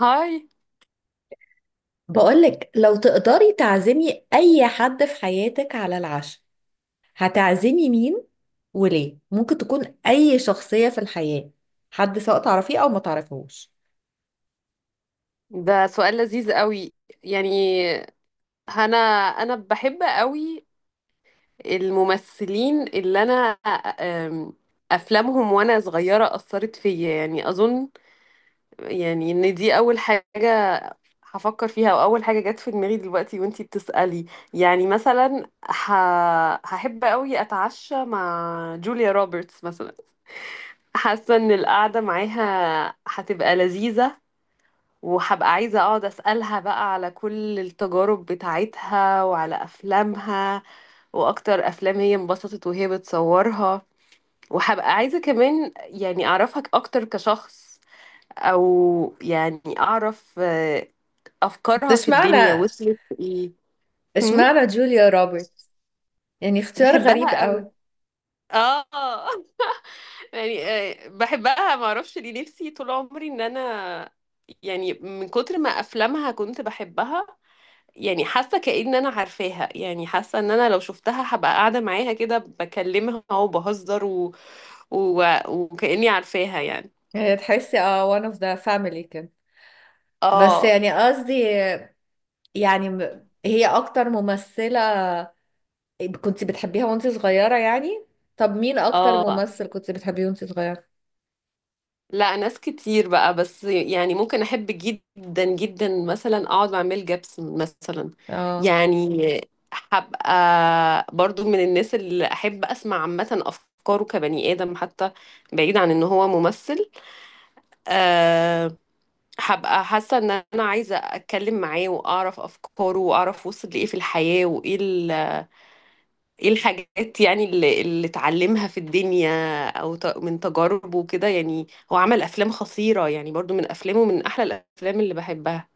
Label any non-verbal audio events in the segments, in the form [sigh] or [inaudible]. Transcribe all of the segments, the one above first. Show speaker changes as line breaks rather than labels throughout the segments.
هاي.
بقولك، لو تقدري تعزمي أي حد في حياتك على العشاء، هتعزمي مين وليه؟ ممكن تكون أي شخصية في الحياة، حد سواء تعرفيه أو ما تعرفيهوش.
ده سؤال لذيذ قوي. يعني انا انا بحب قوي الممثلين اللي انا أم، افلامهم وانا صغيره اثرت فيا، يعني اظن يعني ان دي اول حاجه هفكر فيها واول حاجه جت في دماغي دلوقتي وانتي بتسالي. يعني مثلا ه... هحب قوي اتعشى مع جوليا روبرتس مثلا. حاسه ان القعده معاها هتبقى لذيذه، وهبقى عايزة اقعد اسألها بقى على كل التجارب بتاعتها وعلى افلامها واكتر افلام هي انبسطت وهي بتصورها. وهبقى عايزة كمان يعني اعرفك اكتر كشخص، او يعني اعرف افكارها
بس
في الدنيا
اشمعنى
وصلت لايه. هم؟
اشمعنى جوليا روبرت؟ اختيار غريب
بحبها قوي.
قوي.
اه. [laughs] يعني بحبها، ما اعرفش ليه، نفسي طول عمري ان انا يعني من كتر ما افلامها كنت بحبها، يعني حاسه كأن انا عارفاها. يعني حاسه ان انا لو شفتها هبقى قاعده معاها كده بكلمها وبهزر و... وكأني عارفاها يعني.
هي تحسي اه one of the family كده؟ بس
اه،
قصدي، هي اكتر ممثلة كنت بتحبيها وانت صغيرة طب مين اكتر
اه،
ممثل كنت بتحبيه وانت صغيرة؟
لا ناس كتير بقى، بس يعني ممكن احب جدا جدا مثلا اقعد مع ميل جيبسون مثلا.
اه
يعني هبقى برضو من الناس اللي احب اسمع عامه افكاره كبني ادم حتى، بعيد عن ان هو ممثل. آه. هبقى حاسة ان انا عايزة اتكلم معاه واعرف افكاره واعرف وصل لايه في الحياة، وايه ايه الحاجات يعني اللي اتعلمها في الدنيا، او من تجاربه كده يعني. هو عمل افلام خطيرة، يعني برضو من افلامه من احلى الافلام اللي بحبها.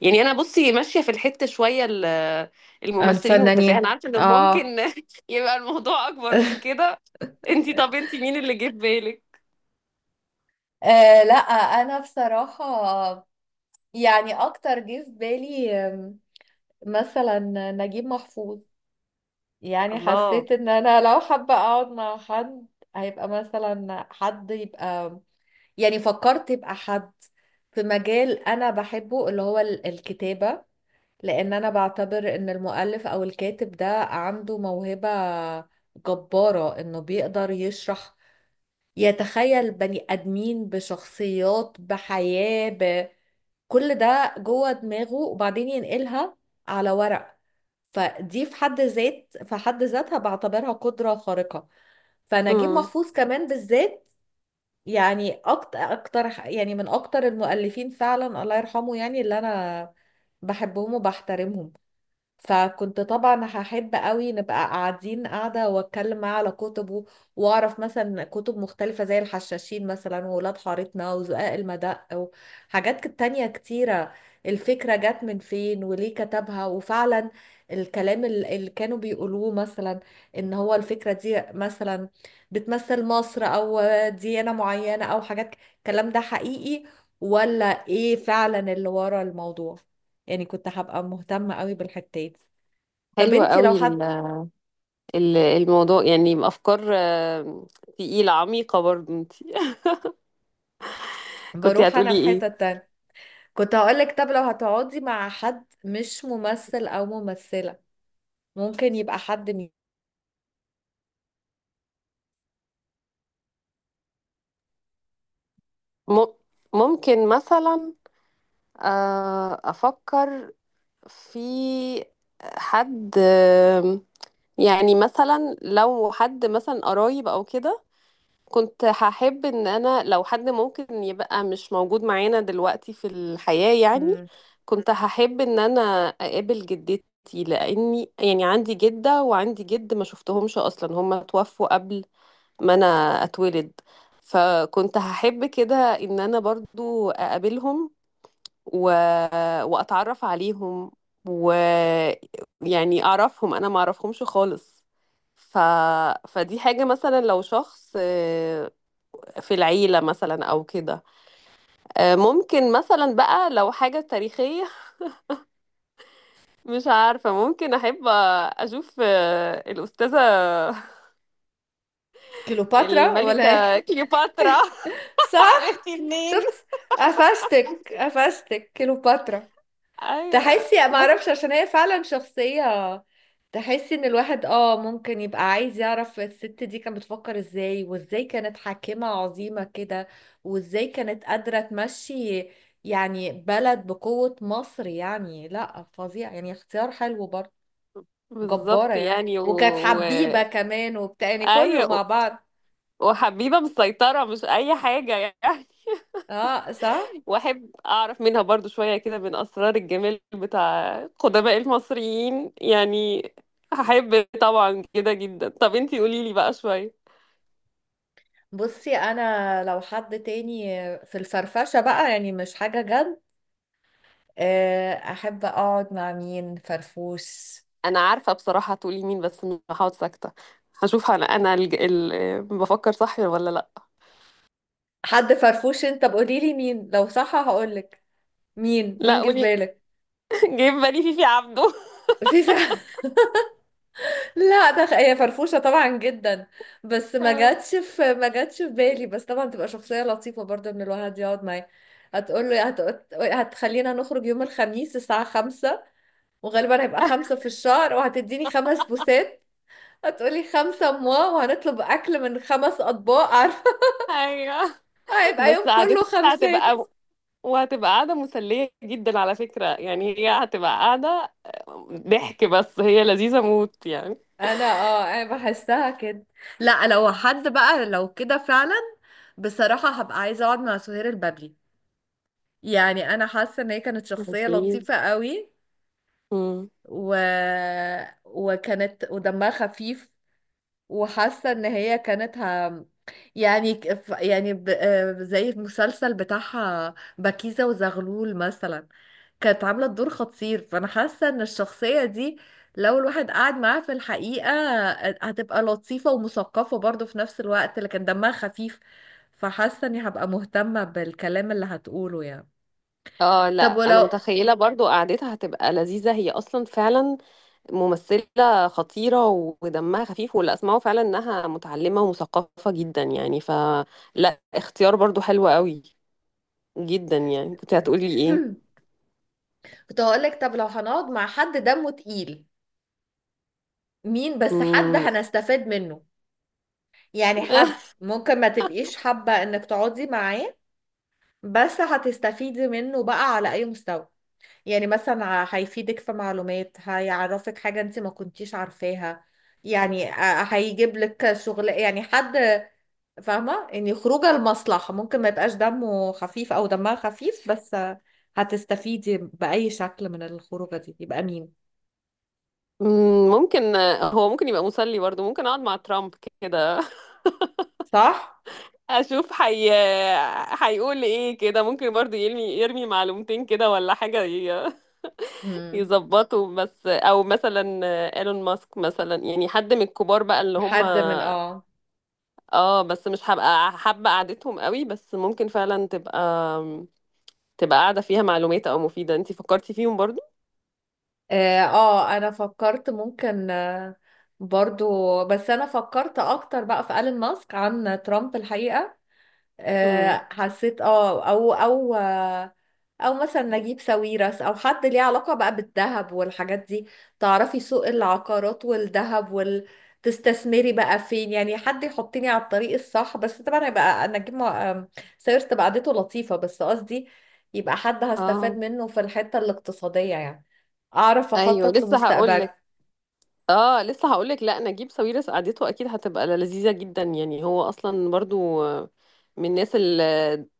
يعني انا بصي ماشية في الحتة شوية الممثلين والتفاهة،
الفنانين،
انا عارفة ان
اه.
ممكن [laughs] يبقى الموضوع اكبر من
[laughs]
كده. طب انتي مين اللي جه في بالك؟
آه لا، انا بصراحة اكتر جه في بالي مثلا نجيب محفوظ.
الله.
حسيت ان انا لو حابة اقعد مع حد، هيبقى مثلا حد يبقى، فكرت يبقى حد في مجال انا بحبه، اللي هو الكتابة. لان انا بعتبر ان المؤلف او الكاتب ده عنده موهبة جبارة، انه بيقدر يشرح، يتخيل بني آدمين بشخصيات بحياة بكل ده جوه دماغه وبعدين ينقلها على ورق. فدي في حد ذاتها بعتبرها قدرة خارقة. فنجيب
امم.
محفوظ كمان بالذات، يعني أكتر يعني من أكتر المؤلفين فعلا، الله يرحمه، يعني اللي أنا بحبهم وبحترمهم. فكنت طبعا هحب قوي نبقى قاعدة واتكلم معاه على كتبه، واعرف مثلا كتب مختلفة زي الحشاشين مثلا، وولاد حارتنا، وزقاق المدق، وحاجات تانية كتيرة. الفكرة جت من فين وليه كتبها، وفعلا الكلام اللي كانوا بيقولوه مثلا ان هو الفكرة دي مثلا بتمثل مصر او ديانة معينة او حاجات الكلام ده حقيقي ولا ايه فعلا اللي ورا الموضوع. يعني كنت هبقى مهتمة قوي بالحتات دي. طب
حلوة
انتي لو
قوي
حد،
الموضوع، يعني أفكار تقيلة عميقة برضه انت. [laughs] كنت
بروح انا
هتقولي
في حتة
ايه؟
تانية. كنت هقولك، طب لو هتقعدي مع حد مش ممثل او ممثلة، ممكن يبقى حد.
م- ممكن مثلا، أفكر في حد، يعني مثلا لو حد مثلا قرايب أو كده. كنت هحب ان انا لو حد ممكن يبقى مش موجود معانا دلوقتي في الحياة يعني.
مم.
كنت هحب ان انا اقابل جدتي، لاني يعني عندي جدة وعندي جد ما شفتهمش اصلا، هما توفوا قبل ما انا اتولد. فكنت هحب كده ان انا برضو اقابلهم و... واتعرف عليهم، ويعني اعرفهم، انا ما اعرفهمش خالص. ف... فدي حاجة مثلا لو شخص في العيلة مثلا أو كده. ممكن مثلا بقى لو حاجة تاريخية. [laughs] مش عارفة، ممكن أحب أشوف الأستاذة [laughs]
كليوباترا ولا
الملكة
ايه؟
كليوباترا.
[laughs]
[laughs]
صح.
عرفتي منين؟
شفت، قفشتك كليوباترا.
أيوة.
تحسي ما اعرفش، عشان هي فعلا شخصية، تحسي ان الواحد اه ممكن يبقى عايز يعرف الست دي كانت بتفكر ازاي، وازاي كانت حاكمة عظيمة كده، وازاي كانت قادرة تمشي يعني بلد بقوة مصر، يعني لا فظيع، يعني اختيار حلو برضه. جبارة
بالظبط
يعني،
يعني
وكانت حبيبة كمان وبتاع، يعني كله مع
أيوة.
بعض.
وحبيبة مسيطرة، مش أي حاجة يعني.
اه صح.
واحب اعرف منها برضو شوية كده من اسرار الجمال بتاع قدماء المصريين يعني. هحب طبعا كده جدا. طب انتي قولي لي بقى شوية.
بصي انا لو حد تاني في الفرفشة بقى، يعني مش حاجة جد، احب اقعد مع مين فرفوش.
انا عارفة بصراحة هتقولي مين، بس مش هقعد ساكتة. هشوف انا بفكر صح ولا لا.
حد فرفوش، انت بقولي لي مين، لو صح هقولك. مين
لا
مين جه في
قولي.
بالك؟
[laughs] جايب بالي فيفي عبده.
في فعلا. [laughs] لا، ده هي فرفوشة طبعا جدا، بس ما جاتش في بالي. بس طبعا تبقى شخصية لطيفة برضه ان الواحد يقعد معاه. هتقول له هتخلينا نخرج يوم الخميس الساعة خمسة، وغالبا هيبقى خمسة في الشهر، وهتديني خمس بوسات، هتقولي خمسة موا، وهنطلب أكل من خمس أطباق. [laughs] عارفة،
[laughs] ايوه،
هيبقى
بس
يوم كله
قعدتها
خمسات.
هتبقى وهتبقى قاعدة مسلية جدا على فكرة، يعني هي هتبقى قاعدة ضحك بس هي لذيذة موت يعني.
انا اه انا بحسها كده. لا، لو حد بقى لو كده فعلا، بصراحة هبقى عايزة اقعد مع سهير البابلي. يعني انا حاسة ان هي كانت شخصية
لذيذ.
لطيفة قوي، و... وكانت ودمها خفيف، وحاسة ان هي كانت يعني يعني ب... آه، زي المسلسل بتاعها بكيزة وزغلول مثلا، كانت عاملة الدور خطير. فأنا حاسة إن الشخصية دي لو الواحد قعد معاها في الحقيقة هتبقى لطيفة ومثقفة برضه في نفس الوقت، لكن دمها خفيف، فحاسة إني هبقى مهتمة بالكلام اللي هتقوله يعني.
اه، لا
طب
انا
ولو،
متخيله برضو قعدتها هتبقى لذيذه، هي اصلا فعلا ممثله خطيره ودمها خفيف واللي اسمعه فعلا انها متعلمه ومثقفه جدا يعني، فلا اختيار برضو حلو قوي جدا يعني. كنت هتقولي ايه؟
[clears throat] كنت هقولك، طب لو هنقعد مع حد دمه تقيل، مين بس حد
مم.
هنستفاد منه، يعني حد
[laughs]
ممكن ما تبقيش حابة إنك تقعدي معاه، بس هتستفيدي منه بقى على أي مستوى. يعني مثلا هيفيدك في معلومات، هيعرفك حاجة انت ما كنتيش عارفاها، يعني هيجيب لك شغل، يعني حد فاهمة، يعني خروجه لمصلحة، ممكن ما يبقاش دمه خفيف او دمها خفيف، بس هتستفيدي بأي شكل من الخروجة دي، يبقى مين.
ممكن، هو ممكن يبقى مسلي برضو. ممكن اقعد مع ترامب كده. [laughs]
صح؟
اشوف حي هيقول ايه كده، ممكن برضو يرمي يرمي معلومتين كده ولا حاجه
مم.
يظبطوا بس. او مثلا ايلون ماسك مثلا، يعني حد من الكبار بقى اللي هم.
حد من اه،
اه، بس مش هبقى حابة قعدتهم قوي، بس ممكن فعلا تبقى تبقى قاعدة فيها معلومات او مفيدة. انتي فكرتي فيهم برضو.
اه انا فكرت ممكن برضو، بس انا فكرت اكتر بقى في ألين ماسك عن ترامب الحقيقة.
امم.
حسيت اه او مثلا نجيب ساويرس، او حد ليه علاقة بقى بالذهب والحاجات دي، تعرفي سوق العقارات والذهب وال، تستثمري بقى فين، يعني حد يحطني على الطريق الصح. بس طبعا هيبقى انا اجيب مع- آم، ساويرس، تبقى قعدته لطيفة، بس قصدي يبقى حد هستفاد
اه.
منه في الحتة الاقتصادية يعني، اعرف
ايوه،
اخطط
لسه هقول.
لمستقبلي.
اه، لسه هقولك، لا نجيب ساويرس قعدته اكيد هتبقى لذيذه جدا يعني. هو اصلا برضو من الناس اللي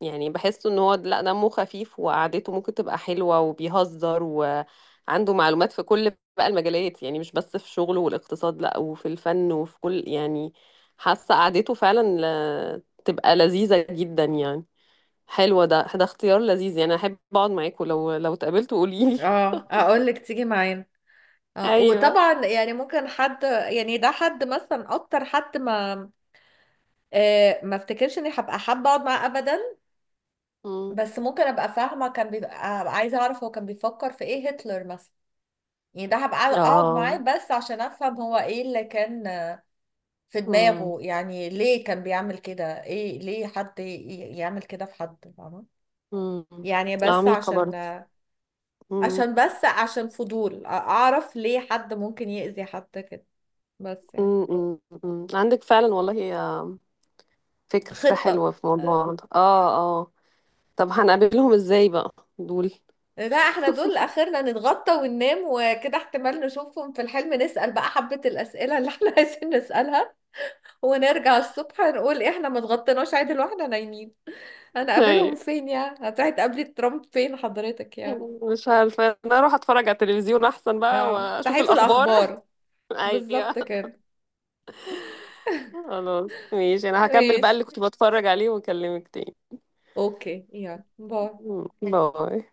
يعني بحسه ان هو، لا، دمه خفيف وقعدته ممكن تبقى حلوه وبيهزر، وعنده معلومات في كل بقى المجالات، يعني مش بس في شغله والاقتصاد، لا، وفي الفن وفي كل يعني. حاسه قعدته فعلا تبقى لذيذه جدا يعني. حلوه. ده اختيار لذيذ يعني. احب اقعد معاكم لو اتقابلتوا قوليلي.
اه اقول لك تيجي معانا.
[laughs]
اه
ايوه.
وطبعا يعني ممكن حد، يعني ده حد مثلا اكتر حد ما ما افتكرش اني هبقى حابه اقعد معاه ابدا،
امم.
بس ممكن ابقى فاهمه كان بيبقى، هبقى عايزه اعرف هو كان بيفكر في ايه، هتلر مثلا. يعني ده هبقى اقعد معاه
اه.
بس عشان افهم هو ايه اللي كان في
امم.
دماغه، يعني ليه كان بيعمل كده، ايه ليه حد يعمل كده في حد فاهمه؟
مم.
يعني بس
عميقة
عشان
برضه. مم.
عشان عشان فضول، اعرف ليه حد ممكن يأذي حد كده بس يعني.
مم. مم. مم. عندك فعلا والله فكرة
خطة.
حلوة في موضوع ده. اه، اه، طب هنقابلهم ازاي بقى دول؟ [laughs]
لا، احنا دول اخرنا نتغطى وننام وكده، احتمال نشوفهم في الحلم، نسأل بقى حبة الأسئلة اللي احنا [laughs] عايزين نسألها، ونرجع الصبح نقول إيه احنا ما اتغطيناش عدل واحنا نايمين. انا قابلهم
أيوة.
فين يعني، هتروحي تقابلي ترامب فين حضرتك يعني؟
مش عارفة، انا اروح اتفرج على التلفزيون احسن بقى
اه
واشوف
صحيفة
الاخبار. [laughs]
الأخبار. بالظبط
ايوه.
كده.
خلاص ماشي، انا هكمل بقى
ماشي.
اللي كنت بتفرج عليه واكلمك تاني.
اوكي، يلا باي.
مم. باي.